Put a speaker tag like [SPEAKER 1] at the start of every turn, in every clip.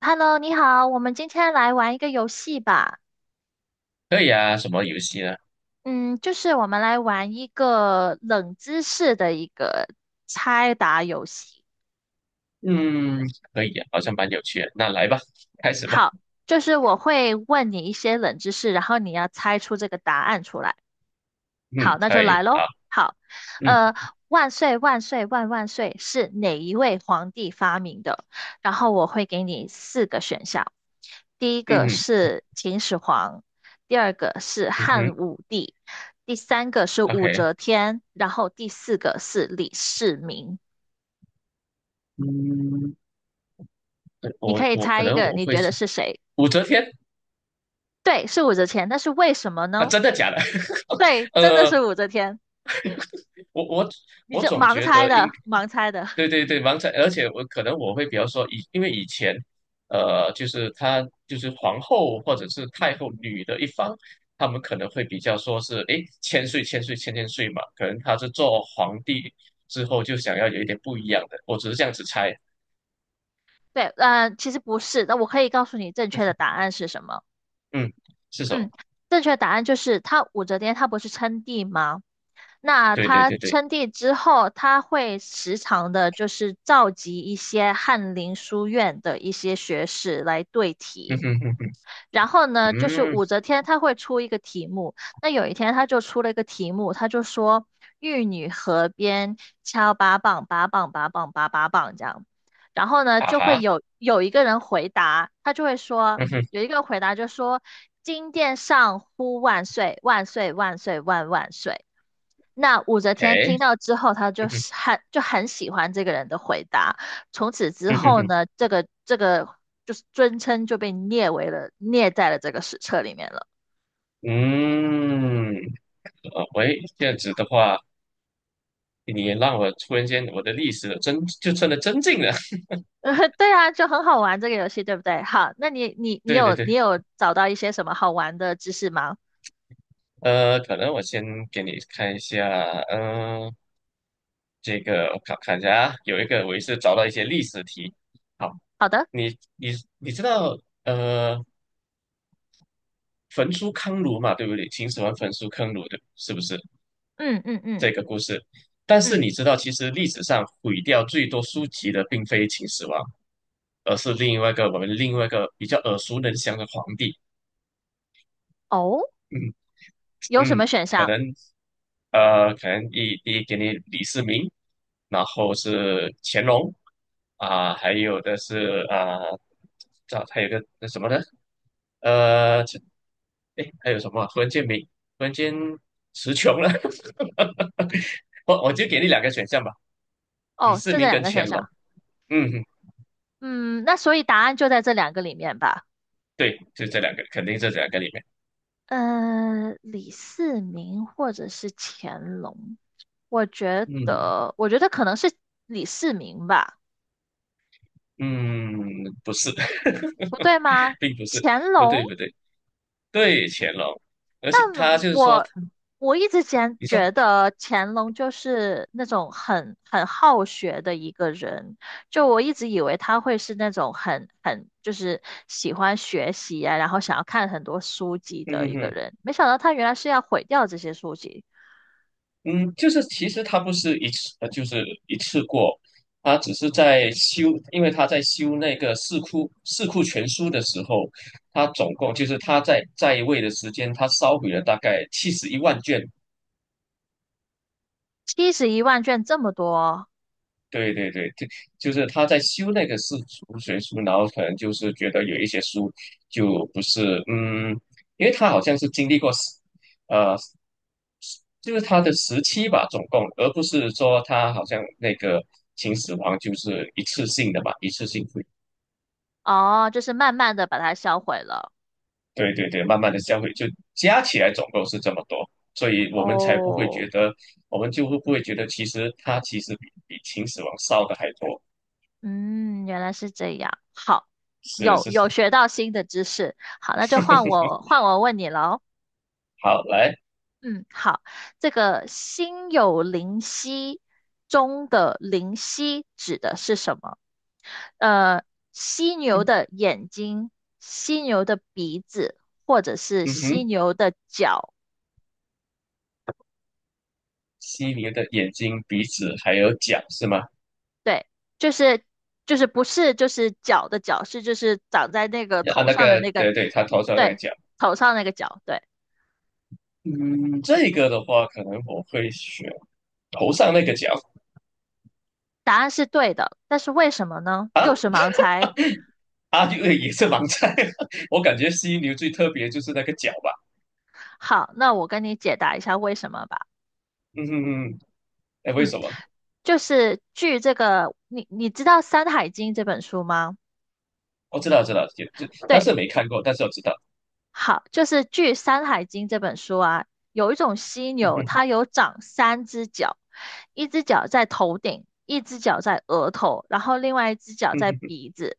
[SPEAKER 1] Hello，你好，我们今天来玩一个游戏吧。
[SPEAKER 2] 可以啊，什么游戏呢？
[SPEAKER 1] 嗯，就是我们来玩一个冷知识的猜答游戏。
[SPEAKER 2] 嗯，可以啊，好像蛮有趣的。那来吧，开始吧。
[SPEAKER 1] 好，就是我会问你一些冷知识，然后你要猜出这个答案出来。
[SPEAKER 2] 嗯，
[SPEAKER 1] 好，那就
[SPEAKER 2] 可以，
[SPEAKER 1] 来喽。
[SPEAKER 2] 好，
[SPEAKER 1] 好，
[SPEAKER 2] 嗯
[SPEAKER 1] 呃，万岁万岁万万岁是哪一位皇帝发明的？然后我会给你四个选项，第一
[SPEAKER 2] 嗯
[SPEAKER 1] 个
[SPEAKER 2] 哼
[SPEAKER 1] 是秦始皇，第二个是
[SPEAKER 2] 嗯哼
[SPEAKER 1] 汉武帝，第三个是武
[SPEAKER 2] ，OK，
[SPEAKER 1] 则天，然后第四个是李世民。
[SPEAKER 2] 嗯，对
[SPEAKER 1] 你
[SPEAKER 2] 我
[SPEAKER 1] 可以
[SPEAKER 2] 我可
[SPEAKER 1] 猜一
[SPEAKER 2] 能
[SPEAKER 1] 个，
[SPEAKER 2] 我
[SPEAKER 1] 你
[SPEAKER 2] 会
[SPEAKER 1] 觉得
[SPEAKER 2] 是
[SPEAKER 1] 是谁？
[SPEAKER 2] 武则天。
[SPEAKER 1] 对，是武则天，但是为什么
[SPEAKER 2] 啊，
[SPEAKER 1] 呢？
[SPEAKER 2] 真的假的？
[SPEAKER 1] 对，真的
[SPEAKER 2] 呃，
[SPEAKER 1] 是武则天，
[SPEAKER 2] 我我
[SPEAKER 1] 你
[SPEAKER 2] 我
[SPEAKER 1] 这
[SPEAKER 2] 总
[SPEAKER 1] 盲
[SPEAKER 2] 觉
[SPEAKER 1] 猜
[SPEAKER 2] 得
[SPEAKER 1] 的，盲猜的。
[SPEAKER 2] 对对对，王彩。而且我可能我会比较说因为以前，就是他就是皇后或者是太后女的一方，他们可能会比较说是，诶，千岁千岁千千岁嘛，可能她是做皇帝之后就想要有一点不一样的，我只是这样子猜。
[SPEAKER 1] 对，其实不是，那我可以告诉你正确的答 案是什么。
[SPEAKER 2] 嗯，是什么？
[SPEAKER 1] 嗯，正确的答案就是他武则天她不是称帝吗？那
[SPEAKER 2] 对对
[SPEAKER 1] 她
[SPEAKER 2] 对对，
[SPEAKER 1] 称帝之后，她会时常的就是召集一些翰林书院的一些学士来对
[SPEAKER 2] 嗯
[SPEAKER 1] 题。
[SPEAKER 2] 哼哼哼
[SPEAKER 1] 然后呢，就是
[SPEAKER 2] 嗯，
[SPEAKER 1] 武则天她会出一个题目，那有一天她就出了一个题目，她就说玉女河边敲八棒，八棒八棒八八棒这样，然后呢
[SPEAKER 2] 啊
[SPEAKER 1] 就会
[SPEAKER 2] 哈，
[SPEAKER 1] 有一个人回答，他就会说
[SPEAKER 2] 嗯哼，
[SPEAKER 1] 有一个回答就说金殿上呼万岁万岁万岁万万岁，那武则天
[SPEAKER 2] 诶，
[SPEAKER 1] 听到之后，她就
[SPEAKER 2] 嗯哼，
[SPEAKER 1] 是很喜欢这个人的回答。从此之
[SPEAKER 2] 嗯哼
[SPEAKER 1] 后
[SPEAKER 2] 哼，
[SPEAKER 1] 呢，这个就是尊称就被列为了列在了这个史册里面了。
[SPEAKER 2] 嗯，喂，这样子的话。你也让我突然间，我的历史真就真的增进了。
[SPEAKER 1] 对啊，就很好玩这个游戏，对不对？好，那你你你
[SPEAKER 2] 对对
[SPEAKER 1] 有
[SPEAKER 2] 对，
[SPEAKER 1] 你有找到一些什么好玩的知识吗？
[SPEAKER 2] 可能我先给你看一下，嗯、呃这个我看看一下啊，有一个我也是找到一些历史题。好，
[SPEAKER 1] 好的，
[SPEAKER 2] 你你你知道呃焚书坑儒嘛，对不对？秦始皇焚书坑儒的，是不是
[SPEAKER 1] 嗯嗯嗯
[SPEAKER 2] 这个故事？但是
[SPEAKER 1] 嗯，
[SPEAKER 2] 你知道，其实历史上毁掉最多书籍的并非秦始皇，而是另外一个我们另外一个比较耳熟能详的皇帝。
[SPEAKER 1] 哦，
[SPEAKER 2] 嗯
[SPEAKER 1] 有什
[SPEAKER 2] 嗯，
[SPEAKER 1] 么选
[SPEAKER 2] 可
[SPEAKER 1] 项？
[SPEAKER 2] 能可能第一给你李世民，然后是乾隆啊、还有的是啊，这、还有个那什么呢？呃，这哎，还有什么啊？忽然间没，忽然间词穷了。我就给你两个选项吧，李
[SPEAKER 1] 哦，
[SPEAKER 2] 世
[SPEAKER 1] 就这
[SPEAKER 2] 民
[SPEAKER 1] 两
[SPEAKER 2] 跟
[SPEAKER 1] 个选
[SPEAKER 2] 乾隆。
[SPEAKER 1] 项。
[SPEAKER 2] 嗯，
[SPEAKER 1] 嗯，那所以答案就在这两个里面吧。
[SPEAKER 2] 对，就这两个，肯定是这两个里面。
[SPEAKER 1] 李世民或者是乾隆，
[SPEAKER 2] 嗯
[SPEAKER 1] 我觉得可能是李世民吧，
[SPEAKER 2] 嗯，不是，
[SPEAKER 1] 不对 吗？
[SPEAKER 2] 并不是，
[SPEAKER 1] 乾
[SPEAKER 2] 不
[SPEAKER 1] 隆，
[SPEAKER 2] 对不对。对，乾隆，而
[SPEAKER 1] 但
[SPEAKER 2] 且他就是说
[SPEAKER 1] 我
[SPEAKER 2] 他，
[SPEAKER 1] 我一直前
[SPEAKER 2] 你说，
[SPEAKER 1] 觉得乾隆就是那种很好学的一个人，就我一直以为他会是那种就是喜欢学习啊，然后想要看很多书籍
[SPEAKER 2] 嗯
[SPEAKER 1] 的
[SPEAKER 2] 哼
[SPEAKER 1] 一个
[SPEAKER 2] 哼，
[SPEAKER 1] 人，没想到他原来是要毁掉这些书籍。
[SPEAKER 2] 嗯，就是其实他不是一次，就是一次过，他只是在修，因为他在修那个四库全书的时候，他总共就是他在位的时间，他烧毁了大概71万卷。
[SPEAKER 1] 71万卷这么多，
[SPEAKER 2] 对对对，就是他在修那个四库全书，然后可能就是觉得有一些书就不是，因为他好像是经历过。呃。就是他的时期吧，总共，而不是说他好像那个秦始皇就是一次性的嘛，一次性会，
[SPEAKER 1] 哦，就是慢慢的把它销毁了。
[SPEAKER 2] 对对对，慢慢的销毁，就加起来总共是这么多，所以我们才不会
[SPEAKER 1] 哦，
[SPEAKER 2] 觉得，我们就会不会觉得其实他其实比秦始皇烧的还多，
[SPEAKER 1] 嗯，原来是这样。好，
[SPEAKER 2] 是
[SPEAKER 1] 有
[SPEAKER 2] 是，
[SPEAKER 1] 有学到新的知识。好，那就换 我换我问你喽。
[SPEAKER 2] 好来，
[SPEAKER 1] 嗯，好，这个心有灵犀中的灵犀指的是什么？呃，犀牛
[SPEAKER 2] 嗯
[SPEAKER 1] 的眼睛、犀牛的鼻子，或者是
[SPEAKER 2] 嗯
[SPEAKER 1] 犀
[SPEAKER 2] 哼，
[SPEAKER 1] 牛的脚？
[SPEAKER 2] 犀牛的眼睛、鼻子还有角是吗？
[SPEAKER 1] 对，就是就是不是就是角的角，是就是长在那个
[SPEAKER 2] 啊，
[SPEAKER 1] 头
[SPEAKER 2] 那
[SPEAKER 1] 上的
[SPEAKER 2] 个
[SPEAKER 1] 那个，
[SPEAKER 2] 对对，他头上那个
[SPEAKER 1] 对，
[SPEAKER 2] 角，
[SPEAKER 1] 头上那个角，对，
[SPEAKER 2] 嗯，这个的话可能我会选头上那个角。
[SPEAKER 1] 答案是对的，但是为什么呢？就是盲猜。
[SPEAKER 2] 啊，就也是盲猜。我感觉犀牛最特别就是那个角吧。
[SPEAKER 1] 好，那我跟你解答一下为什么吧。
[SPEAKER 2] 嗯哼哼，哎，为
[SPEAKER 1] 嗯，
[SPEAKER 2] 什么？
[SPEAKER 1] 就是据这个，你知道《山海经》这本书吗？
[SPEAKER 2] 我知道，知道，但是
[SPEAKER 1] 对，
[SPEAKER 2] 没看过，但是我知道。
[SPEAKER 1] 好，就是据《山海经》这本书啊，有一种犀
[SPEAKER 2] 嗯
[SPEAKER 1] 牛，
[SPEAKER 2] 哼，
[SPEAKER 1] 它有长三只脚，一只脚在头顶，一只脚在额头，然后另外一只脚
[SPEAKER 2] 嗯
[SPEAKER 1] 在
[SPEAKER 2] 哼，
[SPEAKER 1] 鼻子。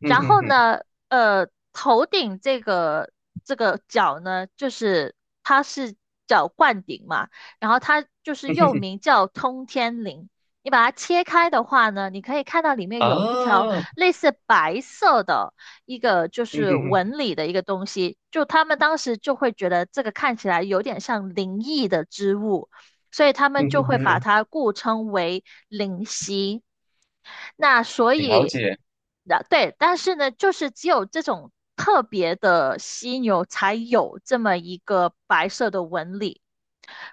[SPEAKER 2] 嗯
[SPEAKER 1] 然
[SPEAKER 2] 哼
[SPEAKER 1] 后
[SPEAKER 2] 哼，
[SPEAKER 1] 呢，头顶这个角呢，就是它是叫冠顶嘛，然后它就是
[SPEAKER 2] 嗯哼
[SPEAKER 1] 又
[SPEAKER 2] 哼，
[SPEAKER 1] 名叫通天翎。你把它切开的话呢，你可以看到里面有一条
[SPEAKER 2] 啊，
[SPEAKER 1] 类似白色的一个就
[SPEAKER 2] 嗯
[SPEAKER 1] 是
[SPEAKER 2] 哼
[SPEAKER 1] 纹
[SPEAKER 2] 哼，
[SPEAKER 1] 理的一个东西，就他们当时就会觉得这个看起来有点像灵异的织物。所以他们
[SPEAKER 2] 嗯
[SPEAKER 1] 就
[SPEAKER 2] 哼
[SPEAKER 1] 会把
[SPEAKER 2] 哼，
[SPEAKER 1] 它故称为灵犀。那所
[SPEAKER 2] 了
[SPEAKER 1] 以，
[SPEAKER 2] 解，
[SPEAKER 1] 那对，但是呢，就是只有这种特别的犀牛才有这么一个白色的纹理，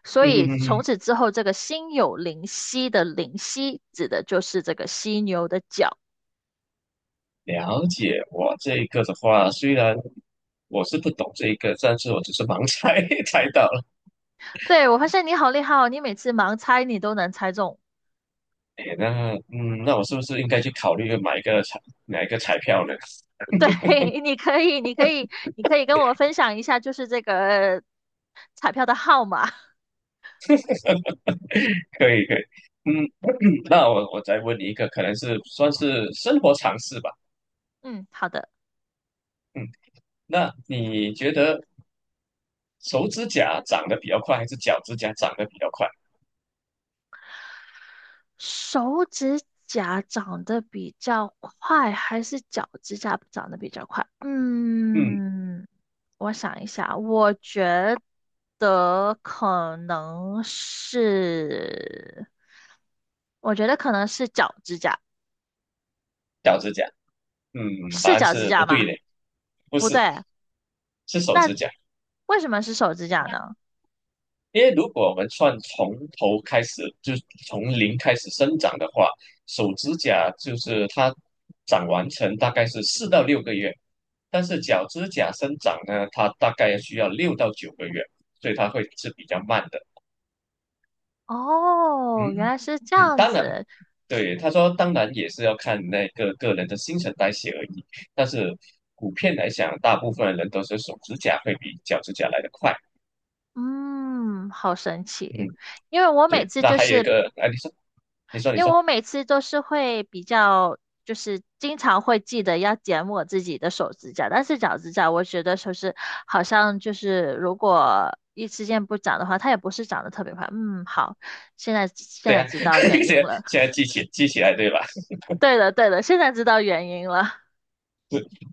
[SPEAKER 1] 所
[SPEAKER 2] 嗯哼
[SPEAKER 1] 以
[SPEAKER 2] 哼
[SPEAKER 1] 从
[SPEAKER 2] 哼，
[SPEAKER 1] 此之后，这个心有灵犀的灵犀指的就是这个犀牛的角。
[SPEAKER 2] 了解。我这一个的话，虽然我是不懂这一个，但是我只是盲猜 猜到了。
[SPEAKER 1] 对，我发现你好厉害哦，你每次盲猜你都能猜中。
[SPEAKER 2] 哎，那我是不是应该去考虑买一个彩票呢？
[SPEAKER 1] 对，你可以，你可以，你可以跟我分享一下，就是这个呃彩票的号码。
[SPEAKER 2] 可以可以，嗯，那我再问你一个，可能是算是生活常识吧，
[SPEAKER 1] 嗯，好的。
[SPEAKER 2] 嗯，那你觉得手指甲长得比较快，还是脚指甲长得比较快？
[SPEAKER 1] 手指甲长得比较快，还是脚指甲长得比较快？
[SPEAKER 2] 嗯，
[SPEAKER 1] 嗯，我想一下，得可能是，我觉得可能是脚指甲，
[SPEAKER 2] 脚指甲，嗯，答
[SPEAKER 1] 是
[SPEAKER 2] 案
[SPEAKER 1] 脚指
[SPEAKER 2] 是不
[SPEAKER 1] 甲
[SPEAKER 2] 对
[SPEAKER 1] 吗？
[SPEAKER 2] 的，不
[SPEAKER 1] 不
[SPEAKER 2] 是，
[SPEAKER 1] 对，
[SPEAKER 2] 是手
[SPEAKER 1] 那
[SPEAKER 2] 指甲。
[SPEAKER 1] 为什么是手指甲呢？
[SPEAKER 2] 因为如果我们算从头开始，就是从零开始生长的话，手指甲就是它长完成大概是4到6个月，但是脚趾甲生长呢，它大概需要6到9个月，所以它会是比较慢的。
[SPEAKER 1] 哦，原
[SPEAKER 2] 嗯
[SPEAKER 1] 来是这
[SPEAKER 2] 嗯，
[SPEAKER 1] 样
[SPEAKER 2] 当然，
[SPEAKER 1] 子，
[SPEAKER 2] 对，他说当然也是要看那个个人的新陈代谢而已，但是普遍来讲，大部分人都是手指甲会比脚趾甲来得快。
[SPEAKER 1] 嗯，好神
[SPEAKER 2] 嗯，
[SPEAKER 1] 奇。因为我每
[SPEAKER 2] 对，
[SPEAKER 1] 次
[SPEAKER 2] 那
[SPEAKER 1] 就
[SPEAKER 2] 还有一
[SPEAKER 1] 是
[SPEAKER 2] 个，哎，你说，你说，你
[SPEAKER 1] 因为
[SPEAKER 2] 说。
[SPEAKER 1] 我每次都是会比较，就是经常会记得要剪我自己的手指甲，但是脚指甲我觉得就是好像就是如果一时间不长的话，它也不是长得特别快。嗯，好，现在现
[SPEAKER 2] 对
[SPEAKER 1] 在
[SPEAKER 2] 啊，
[SPEAKER 1] 知道原
[SPEAKER 2] 现
[SPEAKER 1] 因
[SPEAKER 2] 在
[SPEAKER 1] 了。
[SPEAKER 2] 现在记起来对吧？
[SPEAKER 1] 对的，对的，现在知道原因了。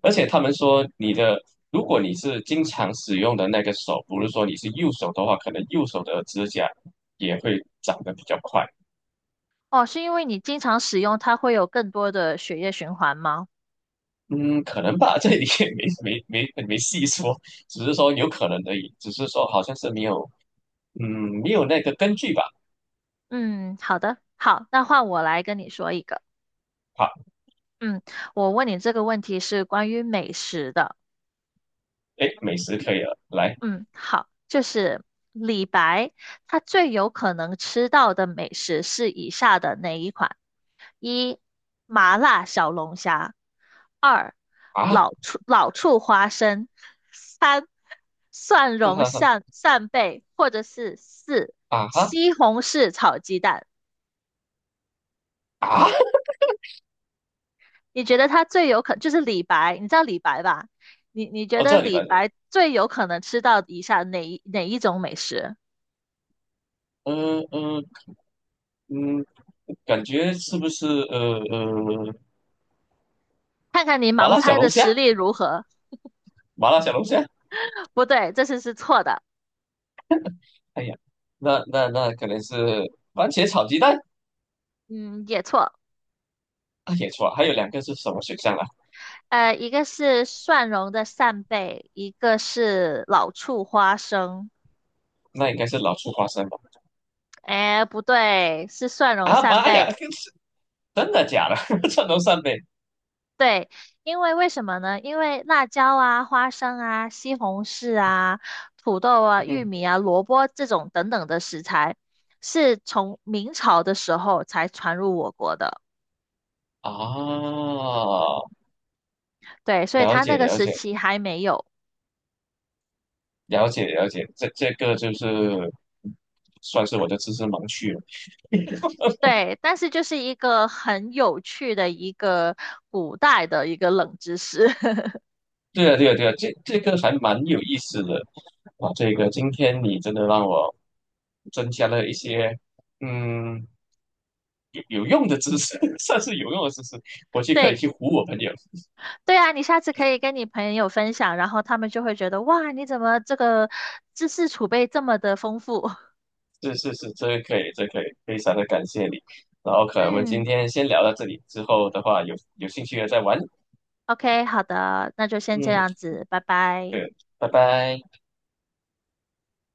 [SPEAKER 2] 而且他们说你的，如果你是经常使用的那个手，不是说你是右手的话，可能右手的指甲也会长得比较快。
[SPEAKER 1] 哦，是因为你经常使用，它会有更多的血液循环吗？
[SPEAKER 2] 嗯，可能吧，这里也没细说，只是说有可能而已，只是说好像是没有，嗯，没有那个根据吧。
[SPEAKER 1] 嗯，好的，好，那换我来跟你说一个。
[SPEAKER 2] 好，
[SPEAKER 1] 嗯，我问你这个问题是关于美食的。
[SPEAKER 2] 哎，美食可以了，来
[SPEAKER 1] 嗯，好，就是李白，他最有可能吃到的美食是以下的哪一款？一、麻辣小龙虾；二、
[SPEAKER 2] 啊，
[SPEAKER 1] 老醋花生；三、蒜
[SPEAKER 2] 哈
[SPEAKER 1] 蓉
[SPEAKER 2] 哈哈，
[SPEAKER 1] 扇扇贝，或者是四、
[SPEAKER 2] 啊哈
[SPEAKER 1] 西红柿炒鸡蛋。
[SPEAKER 2] 啊，
[SPEAKER 1] 你觉得他最有可就是李白，你知道李白吧？你你觉
[SPEAKER 2] 哦，
[SPEAKER 1] 得
[SPEAKER 2] 这里吧，
[SPEAKER 1] 李白最有可能吃到以下哪一种美食？
[SPEAKER 2] 嗯嗯嗯，感觉是不是
[SPEAKER 1] 看看你
[SPEAKER 2] 麻
[SPEAKER 1] 盲
[SPEAKER 2] 辣小
[SPEAKER 1] 猜
[SPEAKER 2] 龙
[SPEAKER 1] 的
[SPEAKER 2] 虾，
[SPEAKER 1] 实力如何。
[SPEAKER 2] 麻辣小龙虾，
[SPEAKER 1] 不对，这次是错的，
[SPEAKER 2] 哎呀，那可能是番茄炒鸡蛋。
[SPEAKER 1] 嗯，也错。
[SPEAKER 2] 啊，也错了，还有两个是什么选项啊？
[SPEAKER 1] 一个是蒜蓉的扇贝，一个是老醋花生。
[SPEAKER 2] 那应该是老醋花生吧？
[SPEAKER 1] 哎，不对，是蒜蓉
[SPEAKER 2] 啊
[SPEAKER 1] 扇
[SPEAKER 2] 妈呀，
[SPEAKER 1] 贝。
[SPEAKER 2] 这是真的假的？这都算呗？
[SPEAKER 1] 对，因为为什么呢？因为辣椒啊、花生啊、西红柿啊、土豆啊、玉
[SPEAKER 2] 嗯
[SPEAKER 1] 米啊、萝卜这种等等的食材，是从明朝的时候才传入我国的。
[SPEAKER 2] 啊，
[SPEAKER 1] 对，所以
[SPEAKER 2] 了
[SPEAKER 1] 它那
[SPEAKER 2] 解
[SPEAKER 1] 个
[SPEAKER 2] 了
[SPEAKER 1] 时
[SPEAKER 2] 解
[SPEAKER 1] 期还没有。
[SPEAKER 2] 了解了解，这个就是算是我的知识盲区了。
[SPEAKER 1] 对，但是就是一个很有趣的一个古代的一个冷知识。
[SPEAKER 2] 对啊对啊对啊，这个还蛮有意思的啊，这个今天你真的让我增加了一些嗯。有用的知识，算是有用的知识，回去可以
[SPEAKER 1] 对，
[SPEAKER 2] 去唬我朋友。
[SPEAKER 1] 对啊，你下次可以跟你朋友分享，然后他们就会觉得哇，你怎么这个知识储备这么的丰富？
[SPEAKER 2] 是是是，这个可以，这个可以，非常的感谢你。然后 可能我们今
[SPEAKER 1] 嗯
[SPEAKER 2] 天先聊到这里，之后的话有兴趣的再玩。
[SPEAKER 1] ，OK，好的，那就先这
[SPEAKER 2] 嗯，
[SPEAKER 1] 样子，拜拜。
[SPEAKER 2] 对，拜拜。